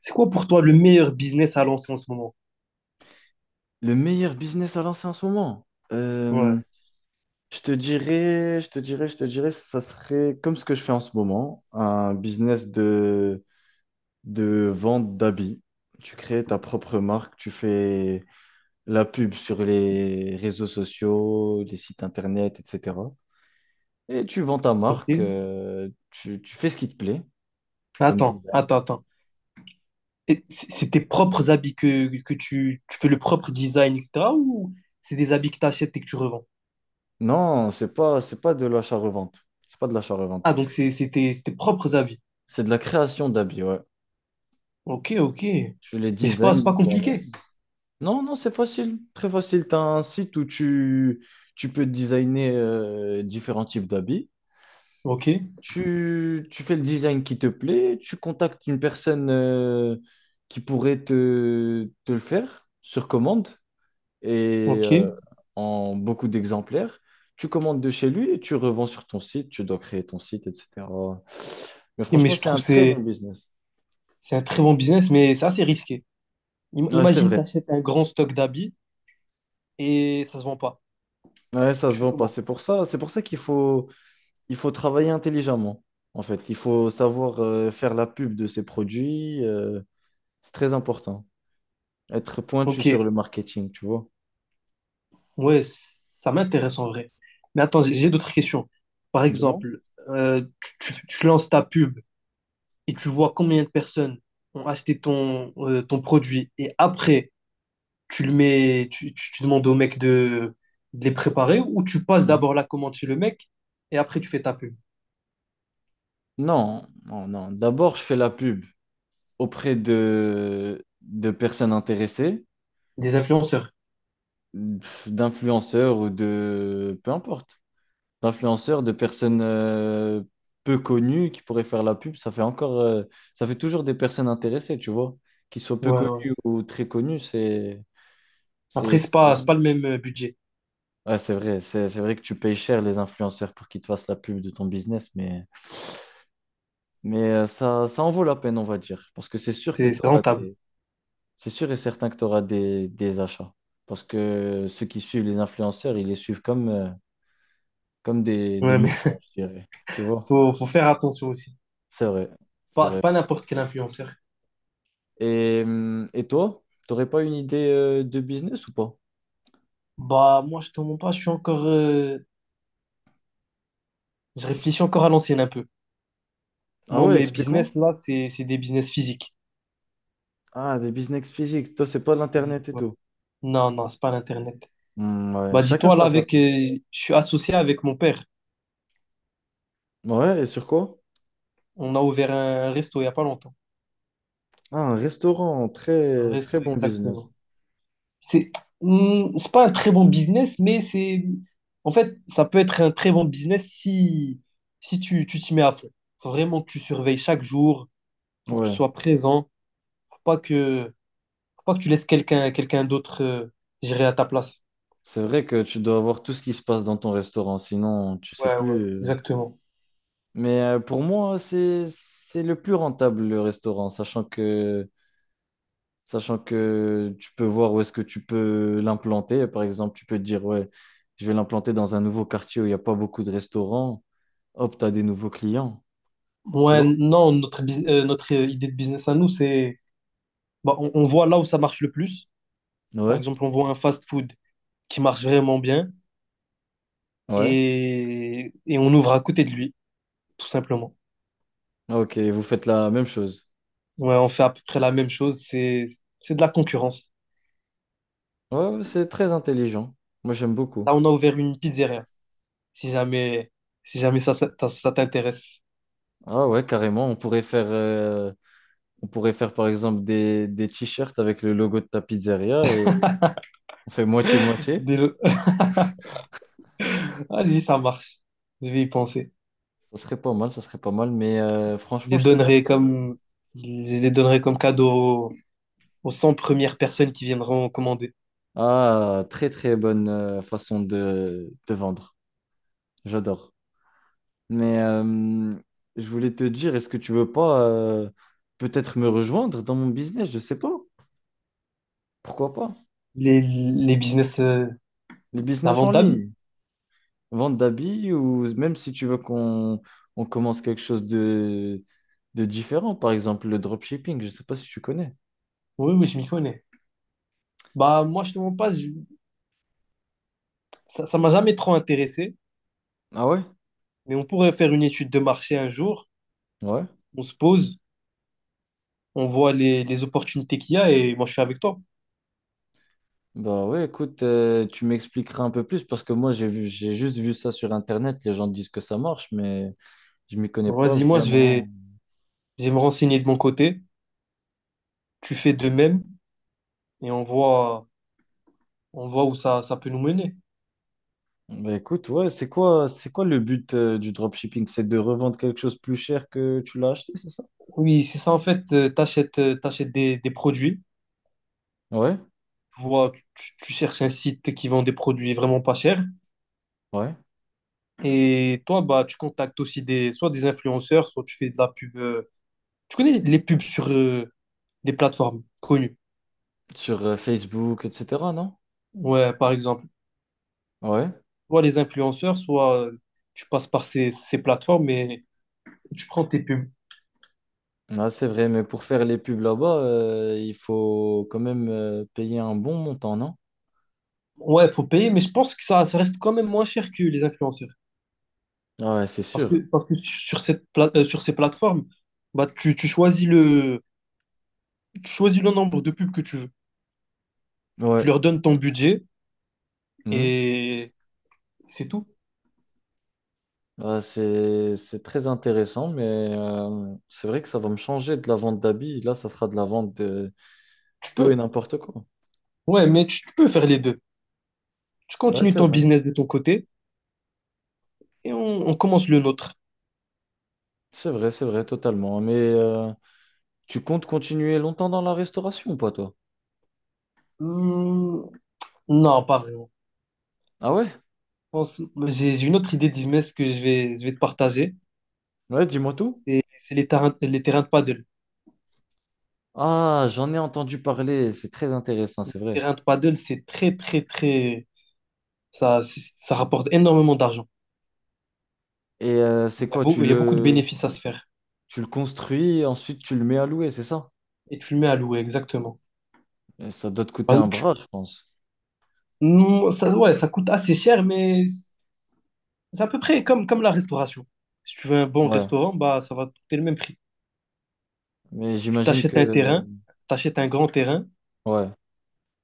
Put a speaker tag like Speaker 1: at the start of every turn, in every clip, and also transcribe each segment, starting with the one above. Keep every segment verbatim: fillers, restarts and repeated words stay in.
Speaker 1: C'est quoi pour toi le meilleur business à lancer en ce moment?
Speaker 2: Le meilleur business à lancer en ce moment? Euh,
Speaker 1: Ouais,
Speaker 2: je te dirais, je te dirais, je te dirais, ça serait comme ce que je fais en ce moment, un business de, de vente d'habits. Tu crées ta propre marque, tu fais la pub sur les réseaux sociaux, les sites internet, et cetera. Et tu vends ta
Speaker 1: ok.
Speaker 2: marque, euh, tu, tu fais ce qui te plaît, comme
Speaker 1: Attends,
Speaker 2: design.
Speaker 1: attends, attends. Et C'est c'est tes propres habits que, que tu, tu fais le propre design, et cetera. Ou c'est des habits que tu achètes et que tu revends?
Speaker 2: Non, c'est pas, c'est pas de l'achat-revente. C'est pas de l'achat-revente.
Speaker 1: Ah, donc c'est c'est tes, c'est tes propres habits.
Speaker 2: C'est de la création d'habits, ouais.
Speaker 1: Ok, ok.
Speaker 2: Tu les
Speaker 1: Mais c'est pas, c'est pas
Speaker 2: designs toi-même.
Speaker 1: compliqué.
Speaker 2: Non, non, c'est facile, très facile. Tu as un site où tu, tu peux designer euh, différents types d'habits.
Speaker 1: Ok,
Speaker 2: Tu, tu fais le design qui te plaît, tu contactes une personne euh, qui pourrait te, te le faire sur commande et
Speaker 1: ok. Et
Speaker 2: euh, en beaucoup d'exemplaires. Tu commandes de chez lui et tu revends sur ton site, tu dois créer ton site, et cetera. Mais
Speaker 1: mais
Speaker 2: franchement,
Speaker 1: je
Speaker 2: c'est
Speaker 1: trouve
Speaker 2: un
Speaker 1: que
Speaker 2: très bon
Speaker 1: c'est
Speaker 2: business.
Speaker 1: c'est un très bon business, mais c'est assez risqué. Im-
Speaker 2: Ouais, c'est
Speaker 1: Imagine, tu
Speaker 2: vrai.
Speaker 1: achètes un grand stock d'habits et ça se vend pas.
Speaker 2: Ouais, ça
Speaker 1: Tu
Speaker 2: se
Speaker 1: fais
Speaker 2: vend pas.
Speaker 1: comment?
Speaker 2: C'est pour ça, c'est pour ça qu'il faut il faut travailler intelligemment, en fait. Il faut savoir euh, faire la pub de ses produits. Euh, c'est très important. Être pointu
Speaker 1: Ok,
Speaker 2: sur le marketing, tu vois.
Speaker 1: ouais, ça m'intéresse en vrai. Mais attends, j'ai j'ai d'autres questions. Par
Speaker 2: Dis-moi.
Speaker 1: exemple, euh, tu, tu- tu lances ta pub et tu vois combien de personnes ont acheté ton, euh, ton produit et après, tu le mets, tu, tu- tu demandes au mec de, de les préparer ou tu passes d'abord
Speaker 2: Mhm.
Speaker 1: la commande chez le mec et après tu fais ta pub.
Speaker 2: Non, non, non. D'abord, je fais la pub auprès de, de personnes intéressées,
Speaker 1: Des influenceurs.
Speaker 2: pff, d'influenceurs ou de... Peu importe. D'influenceurs, de personnes euh, peu connues qui pourraient faire la pub. Ça fait encore... euh, ça fait toujours des personnes intéressées, tu vois. Qu'ils soient peu
Speaker 1: Ouais, ouais.
Speaker 2: connues ou très connues, c'est... C'est
Speaker 1: Après, c'est
Speaker 2: c'est
Speaker 1: pas, c'est
Speaker 2: vrai,
Speaker 1: pas le même euh, budget.
Speaker 2: Ouais, c'est vrai c'est- c'est vrai que tu payes cher les influenceurs pour qu'ils te fassent la pub de ton business, mais, mais euh, ça, ça en vaut la peine, on va dire. Parce que c'est sûr que
Speaker 1: C'est c'est
Speaker 2: t'auras
Speaker 1: rentable.
Speaker 2: des... C'est sûr et certain que tu auras des, des achats. Parce que ceux qui suivent les influenceurs, ils les suivent comme, euh, comme des, des
Speaker 1: Ouais, mais
Speaker 2: moutons, je dirais. Tu vois?
Speaker 1: faut, faut faire attention aussi.
Speaker 2: C'est vrai, c'est
Speaker 1: Pas, c'est
Speaker 2: vrai.
Speaker 1: pas n'importe quel influenceur.
Speaker 2: Et, hum, et toi, t'aurais pas une idée euh, de business ou pas?
Speaker 1: Bah, moi, je te mens pas, je suis encore, Je réfléchis encore à l'ancienne un peu.
Speaker 2: Ah
Speaker 1: Moi,
Speaker 2: ouais,
Speaker 1: mes
Speaker 2: explique-moi.
Speaker 1: business, là, c'est c'est des business physiques.
Speaker 2: Ah, des business physiques, toi, c'est pas l'Internet et
Speaker 1: Ouais.
Speaker 2: tout.
Speaker 1: Non, non, c'est pas l'Internet.
Speaker 2: Hmm, ouais,
Speaker 1: Bah,
Speaker 2: chacun
Speaker 1: dis-toi, là,
Speaker 2: sa
Speaker 1: avec,
Speaker 2: façon.
Speaker 1: euh, je suis associé avec mon père.
Speaker 2: Ouais, et sur quoi?
Speaker 1: On a ouvert un resto il y a pas longtemps.
Speaker 2: Ah, un restaurant,
Speaker 1: Un
Speaker 2: très, très
Speaker 1: resto,
Speaker 2: bon
Speaker 1: exactement.
Speaker 2: business.
Speaker 1: C'est Hmm, c'est pas un très bon business, mais c'est... En fait, ça peut être un très bon business si, si tu tu t'y mets à fond. Faut vraiment que tu surveilles chaque jour. Faut que tu
Speaker 2: Ouais.
Speaker 1: sois présent. Faut pas que, faut pas que tu laisses quelqu'un quelqu'un d'autre euh, gérer à ta place.
Speaker 2: C'est vrai que tu dois avoir tout ce qui se passe dans ton restaurant, sinon tu sais
Speaker 1: Ouais, ouais,
Speaker 2: plus. euh.
Speaker 1: exactement.
Speaker 2: Mais euh, pour moi, c'est, c'est le plus rentable, le restaurant, sachant que, sachant que tu peux voir où est-ce que tu peux l'implanter. Par exemple, tu peux te dire, ouais, je vais l'implanter dans un nouveau quartier où il n'y a pas beaucoup de restaurants. Hop, t'as des nouveaux clients. Tu
Speaker 1: Ouais,
Speaker 2: vois?
Speaker 1: non, notre, bus- euh, notre euh, idée de business à nous, c'est, bah, on, on voit là où ça marche le plus. Par
Speaker 2: Ouais.
Speaker 1: exemple, on voit un fast-food qui marche vraiment bien
Speaker 2: Ouais.
Speaker 1: et, et on ouvre à côté de lui, tout simplement.
Speaker 2: Ok, vous faites la même chose.
Speaker 1: Ouais, on fait à peu près la même chose, c'est, c'est de la concurrence.
Speaker 2: Ouais, ouais, c'est très intelligent. Moi, j'aime beaucoup.
Speaker 1: Là, on a ouvert une pizzeria, si jamais, si jamais ça, ça, ça- ça t'intéresse.
Speaker 2: Ah ouais, carrément. On pourrait faire, euh, on pourrait faire par exemple des, des t-shirts avec le logo de ta pizzeria et on fait moitié-moitié.
Speaker 1: Dès le- Vas-y, ça marche. Je vais y penser.
Speaker 2: Ça serait pas mal, ça serait pas mal. Mais euh,
Speaker 1: Je
Speaker 2: franchement,
Speaker 1: les
Speaker 2: je te
Speaker 1: donnerai
Speaker 2: conseille.
Speaker 1: comme, je les donnerai comme cadeau aux cent premières personnes qui viendront commander.
Speaker 2: Ah, très très bonne euh, façon de, de vendre. J'adore. Mais euh, je voulais te dire, est-ce que tu veux pas euh, peut-être me rejoindre dans mon business? Je sais pas. Pourquoi pas?
Speaker 1: Les, les business, euh,
Speaker 2: Les
Speaker 1: la
Speaker 2: business
Speaker 1: vente
Speaker 2: en
Speaker 1: d'habits.
Speaker 2: ligne. Vente d'habits ou même si tu veux qu'on on commence quelque chose de, de différent, par exemple le dropshipping, je ne sais pas si tu connais.
Speaker 1: Oui, oui, je m'y connais. Bah, moi, je te mens pas, je- ça, ça m'a jamais trop intéressé,
Speaker 2: Ah ouais?
Speaker 1: mais on pourrait faire une étude de marché un jour.
Speaker 2: Ouais.
Speaker 1: On se pose, on voit les, les opportunités qu'il y a et moi, je suis avec toi.
Speaker 2: Bah ouais, écoute, euh, tu m'expliqueras un peu plus parce que moi j'ai vu, j'ai juste vu ça sur Internet, les gens disent que ça marche, mais je m'y connais pas
Speaker 1: Vas-y, moi, je
Speaker 2: vraiment.
Speaker 1: vais, je vais me renseigner de mon côté. Tu fais de même et on voit, on voit où ça, ça peut nous mener.
Speaker 2: Bah écoute, ouais, c'est quoi, c'est quoi le but euh, du dropshipping? C'est de revendre quelque chose plus cher que tu l'as acheté, c'est ça?
Speaker 1: Oui, c'est ça, en fait, euh, t'achètes, euh, t'achètes des, des produits.
Speaker 2: Ouais,
Speaker 1: Tu vois, tu, tu- tu cherches un site qui vend des produits vraiment pas chers.
Speaker 2: ouais.
Speaker 1: Et toi, bah, tu contactes aussi des, soit des influenceurs, soit tu fais de la pub. euh, tu connais les pubs sur euh, des plateformes connues.
Speaker 2: Sur euh, Facebook, et cetera, non?
Speaker 1: Ouais, par exemple.
Speaker 2: Ouais.
Speaker 1: Soit les influenceurs, soit euh, tu passes par ces, ces plateformes et tu prends tes pubs.
Speaker 2: Ah, c'est vrai, mais pour faire les pubs là-bas, euh, il faut quand même euh, payer un bon montant, non?
Speaker 1: Ouais, faut payer, mais je pense que ça, ça reste quand même moins cher que les influenceurs.
Speaker 2: Ah ouais, c'est
Speaker 1: Parce que,
Speaker 2: sûr.
Speaker 1: parce que sur cette pla- euh, sur ces plateformes, bah, tu, tu choisis le, tu choisis le nombre de pubs que tu veux.
Speaker 2: Ouais.
Speaker 1: Tu leur donnes ton budget
Speaker 2: Mhm.
Speaker 1: et c'est tout.
Speaker 2: Ah, c'est c'est très intéressant, mais euh, c'est vrai que ça va me changer de la vente d'habits. Là, ça sera de la vente de
Speaker 1: Tu
Speaker 2: tout et
Speaker 1: peux.
Speaker 2: n'importe quoi.
Speaker 1: Ouais, mais tu tu peux faire les deux. Tu
Speaker 2: Ouais,
Speaker 1: continues
Speaker 2: c'est
Speaker 1: ton
Speaker 2: vrai.
Speaker 1: business de ton côté et on, on commence le nôtre.
Speaker 2: C'est vrai, c'est vrai, totalement. Mais euh, tu comptes continuer longtemps dans la restauration ou pas, toi?
Speaker 1: Hmm, non, pas vraiment.
Speaker 2: Ah ouais?
Speaker 1: Je pense- J'ai j'ai une autre idée de business que je vais, je vais te partager.
Speaker 2: Ouais, dis-moi tout.
Speaker 1: C'est c'est les terrains, les terrains de paddle.
Speaker 2: Ah, j'en ai entendu parler. C'est très intéressant,
Speaker 1: Les
Speaker 2: c'est vrai.
Speaker 1: terrains de paddle, c'est très, très, très. Ça, c'est- ça rapporte énormément d'argent.
Speaker 2: Et euh, c'est
Speaker 1: Il y a
Speaker 2: quoi, tu
Speaker 1: beau- il y a beaucoup de
Speaker 2: le...
Speaker 1: bénéfices à se faire.
Speaker 2: Tu le construis, ensuite tu le mets à louer, c'est ça?
Speaker 1: Et tu le mets à louer, exactement.
Speaker 2: Et ça doit te coûter
Speaker 1: Bah,
Speaker 2: un
Speaker 1: tu-
Speaker 2: bras, je pense.
Speaker 1: non, ça, ouais, ça coûte assez cher, mais c'est à peu près comme, comme la restauration. Si tu veux un bon
Speaker 2: Ouais,
Speaker 1: restaurant, bah, ça va te coûter le même prix.
Speaker 2: mais
Speaker 1: Tu
Speaker 2: j'imagine que...
Speaker 1: t'achètes un terrain, t'achètes un grand terrain.
Speaker 2: Ouais,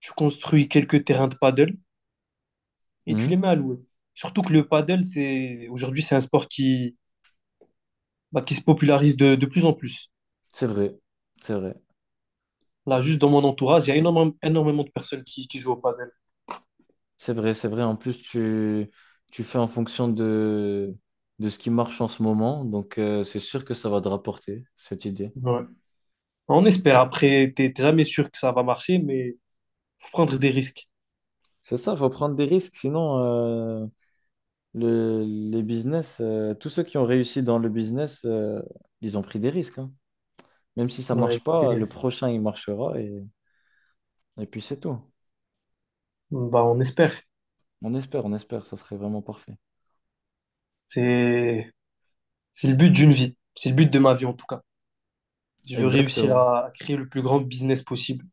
Speaker 1: Tu construis quelques terrains de paddle et tu
Speaker 2: Mhm.
Speaker 1: les mets à louer. Surtout que le paddle, c'est aujourd'hui, c'est un sport qui, bah, qui se popularise de, de plus en plus.
Speaker 2: C'est vrai, c'est vrai,
Speaker 1: Là, juste dans mon entourage, il y a énormément, énormément de personnes qui, qui jouent au paddle.
Speaker 2: c'est vrai, c'est vrai. En plus, tu, tu fais en fonction de, de ce qui marche en ce moment, donc euh, c'est sûr que ça va te rapporter, cette idée.
Speaker 1: Ouais. On espère. Après, t'es t'es jamais sûr que ça va marcher, mais faut prendre des risques.
Speaker 2: C'est ça, il faut prendre des risques, sinon euh, le- les business, euh, tous ceux qui ont réussi dans le business, euh, ils ont pris des risques, hein. Même si ça
Speaker 1: Ouais,
Speaker 2: marche
Speaker 1: des
Speaker 2: pas, le
Speaker 1: risques.
Speaker 2: prochain, il marchera et, et puis c'est tout.
Speaker 1: Bah, on espère.
Speaker 2: On espère, on espère, ça serait vraiment parfait.
Speaker 1: C'est, c'est le but d'une vie. C'est le but de ma vie, en tout cas. Je veux réussir
Speaker 2: Exactement.
Speaker 1: à, à créer le plus grand business possible.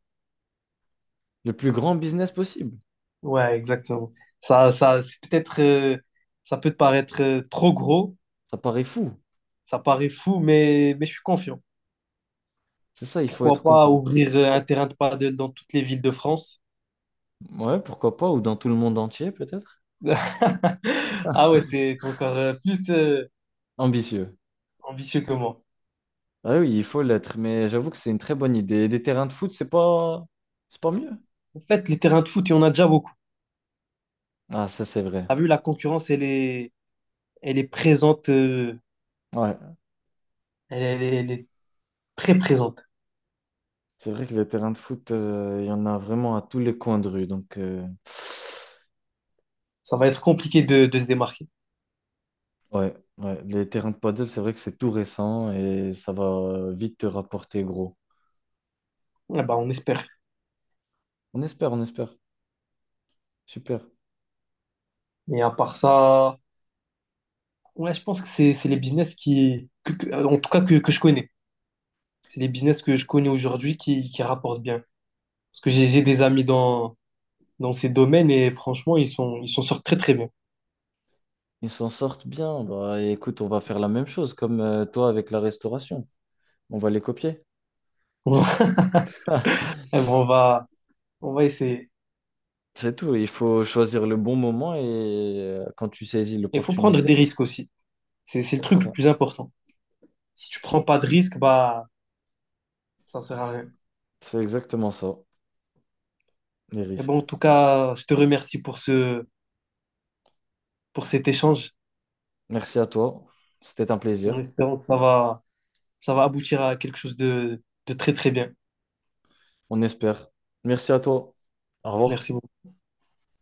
Speaker 2: Le plus grand business possible.
Speaker 1: Ouais, exactement. Ça, ça, c'est peut-être, euh, ça peut te paraître euh, trop gros,
Speaker 2: Ça paraît fou.
Speaker 1: Ça paraît fou, mais, mais je suis confiant.
Speaker 2: C'est ça, il faut
Speaker 1: Pourquoi
Speaker 2: être
Speaker 1: pas
Speaker 2: confiant.
Speaker 1: ouvrir euh, un
Speaker 2: Pourquoi
Speaker 1: terrain de paddle dans toutes les villes de France?
Speaker 2: pas. Ouais, pourquoi pas, ou dans tout le monde entier, peut-être.
Speaker 1: Ah ouais, t'es t'es encore euh, plus euh,
Speaker 2: Ambitieux.
Speaker 1: ambitieux que moi.
Speaker 2: Ah oui, il faut l'être, mais j'avoue que c'est une très bonne idée. Et des terrains de foot, c'est pas... c'est pas mieux.
Speaker 1: En fait, les terrains de foot, il y en a déjà beaucoup.
Speaker 2: Ah, ça, c'est vrai.
Speaker 1: T'as vu, la concurrence, elle est, elle est présente, euh,
Speaker 2: Ouais,
Speaker 1: elle, elle est, elle est très présente.
Speaker 2: c'est vrai que les terrains de foot, euh, il y en a vraiment à tous les coins de rue. Donc, euh,
Speaker 1: Ça va être compliqué de, de se démarquer.
Speaker 2: ouais, ouais, les terrains de paddle, c'est vrai que c'est tout récent et ça va vite te rapporter gros.
Speaker 1: Eh ben, on espère.
Speaker 2: On espère, on espère. Super.
Speaker 1: Et à part ça, ouais, je pense que c'est, c'est les business qui, que- que- euh, en tout cas que, que je connais. C'est les business que je connais aujourd'hui qui, qui rapportent bien. Parce que j'ai j'ai des amis dans, dans ces domaines et franchement, ils sont, ils s'en sortent très très bien.
Speaker 2: Ils s'en sortent bien. Bah, écoute, on va faire la même chose comme euh, toi avec la restauration. On va les copier.
Speaker 1: On va, on va, on va essayer.
Speaker 2: C'est tout. Il faut choisir le bon moment et euh, quand tu saisis
Speaker 1: Il faut prendre
Speaker 2: l'opportunité,
Speaker 1: des risques aussi. C'est, c'est le
Speaker 2: ouais, c'est
Speaker 1: truc le
Speaker 2: ça.
Speaker 1: plus important. Si tu prends
Speaker 2: C'est
Speaker 1: pas de risques, bah, ça sert à rien.
Speaker 2: c'est exactement ça, les
Speaker 1: Et bon, en
Speaker 2: risques.
Speaker 1: tout cas, je te remercie pour ce, pour cet échange
Speaker 2: Merci à toi. C'était un plaisir.
Speaker 1: en espérant que ça va, ça va aboutir à quelque chose de, de très très bien.
Speaker 2: On espère. Merci à toi. Au revoir.
Speaker 1: Merci beaucoup.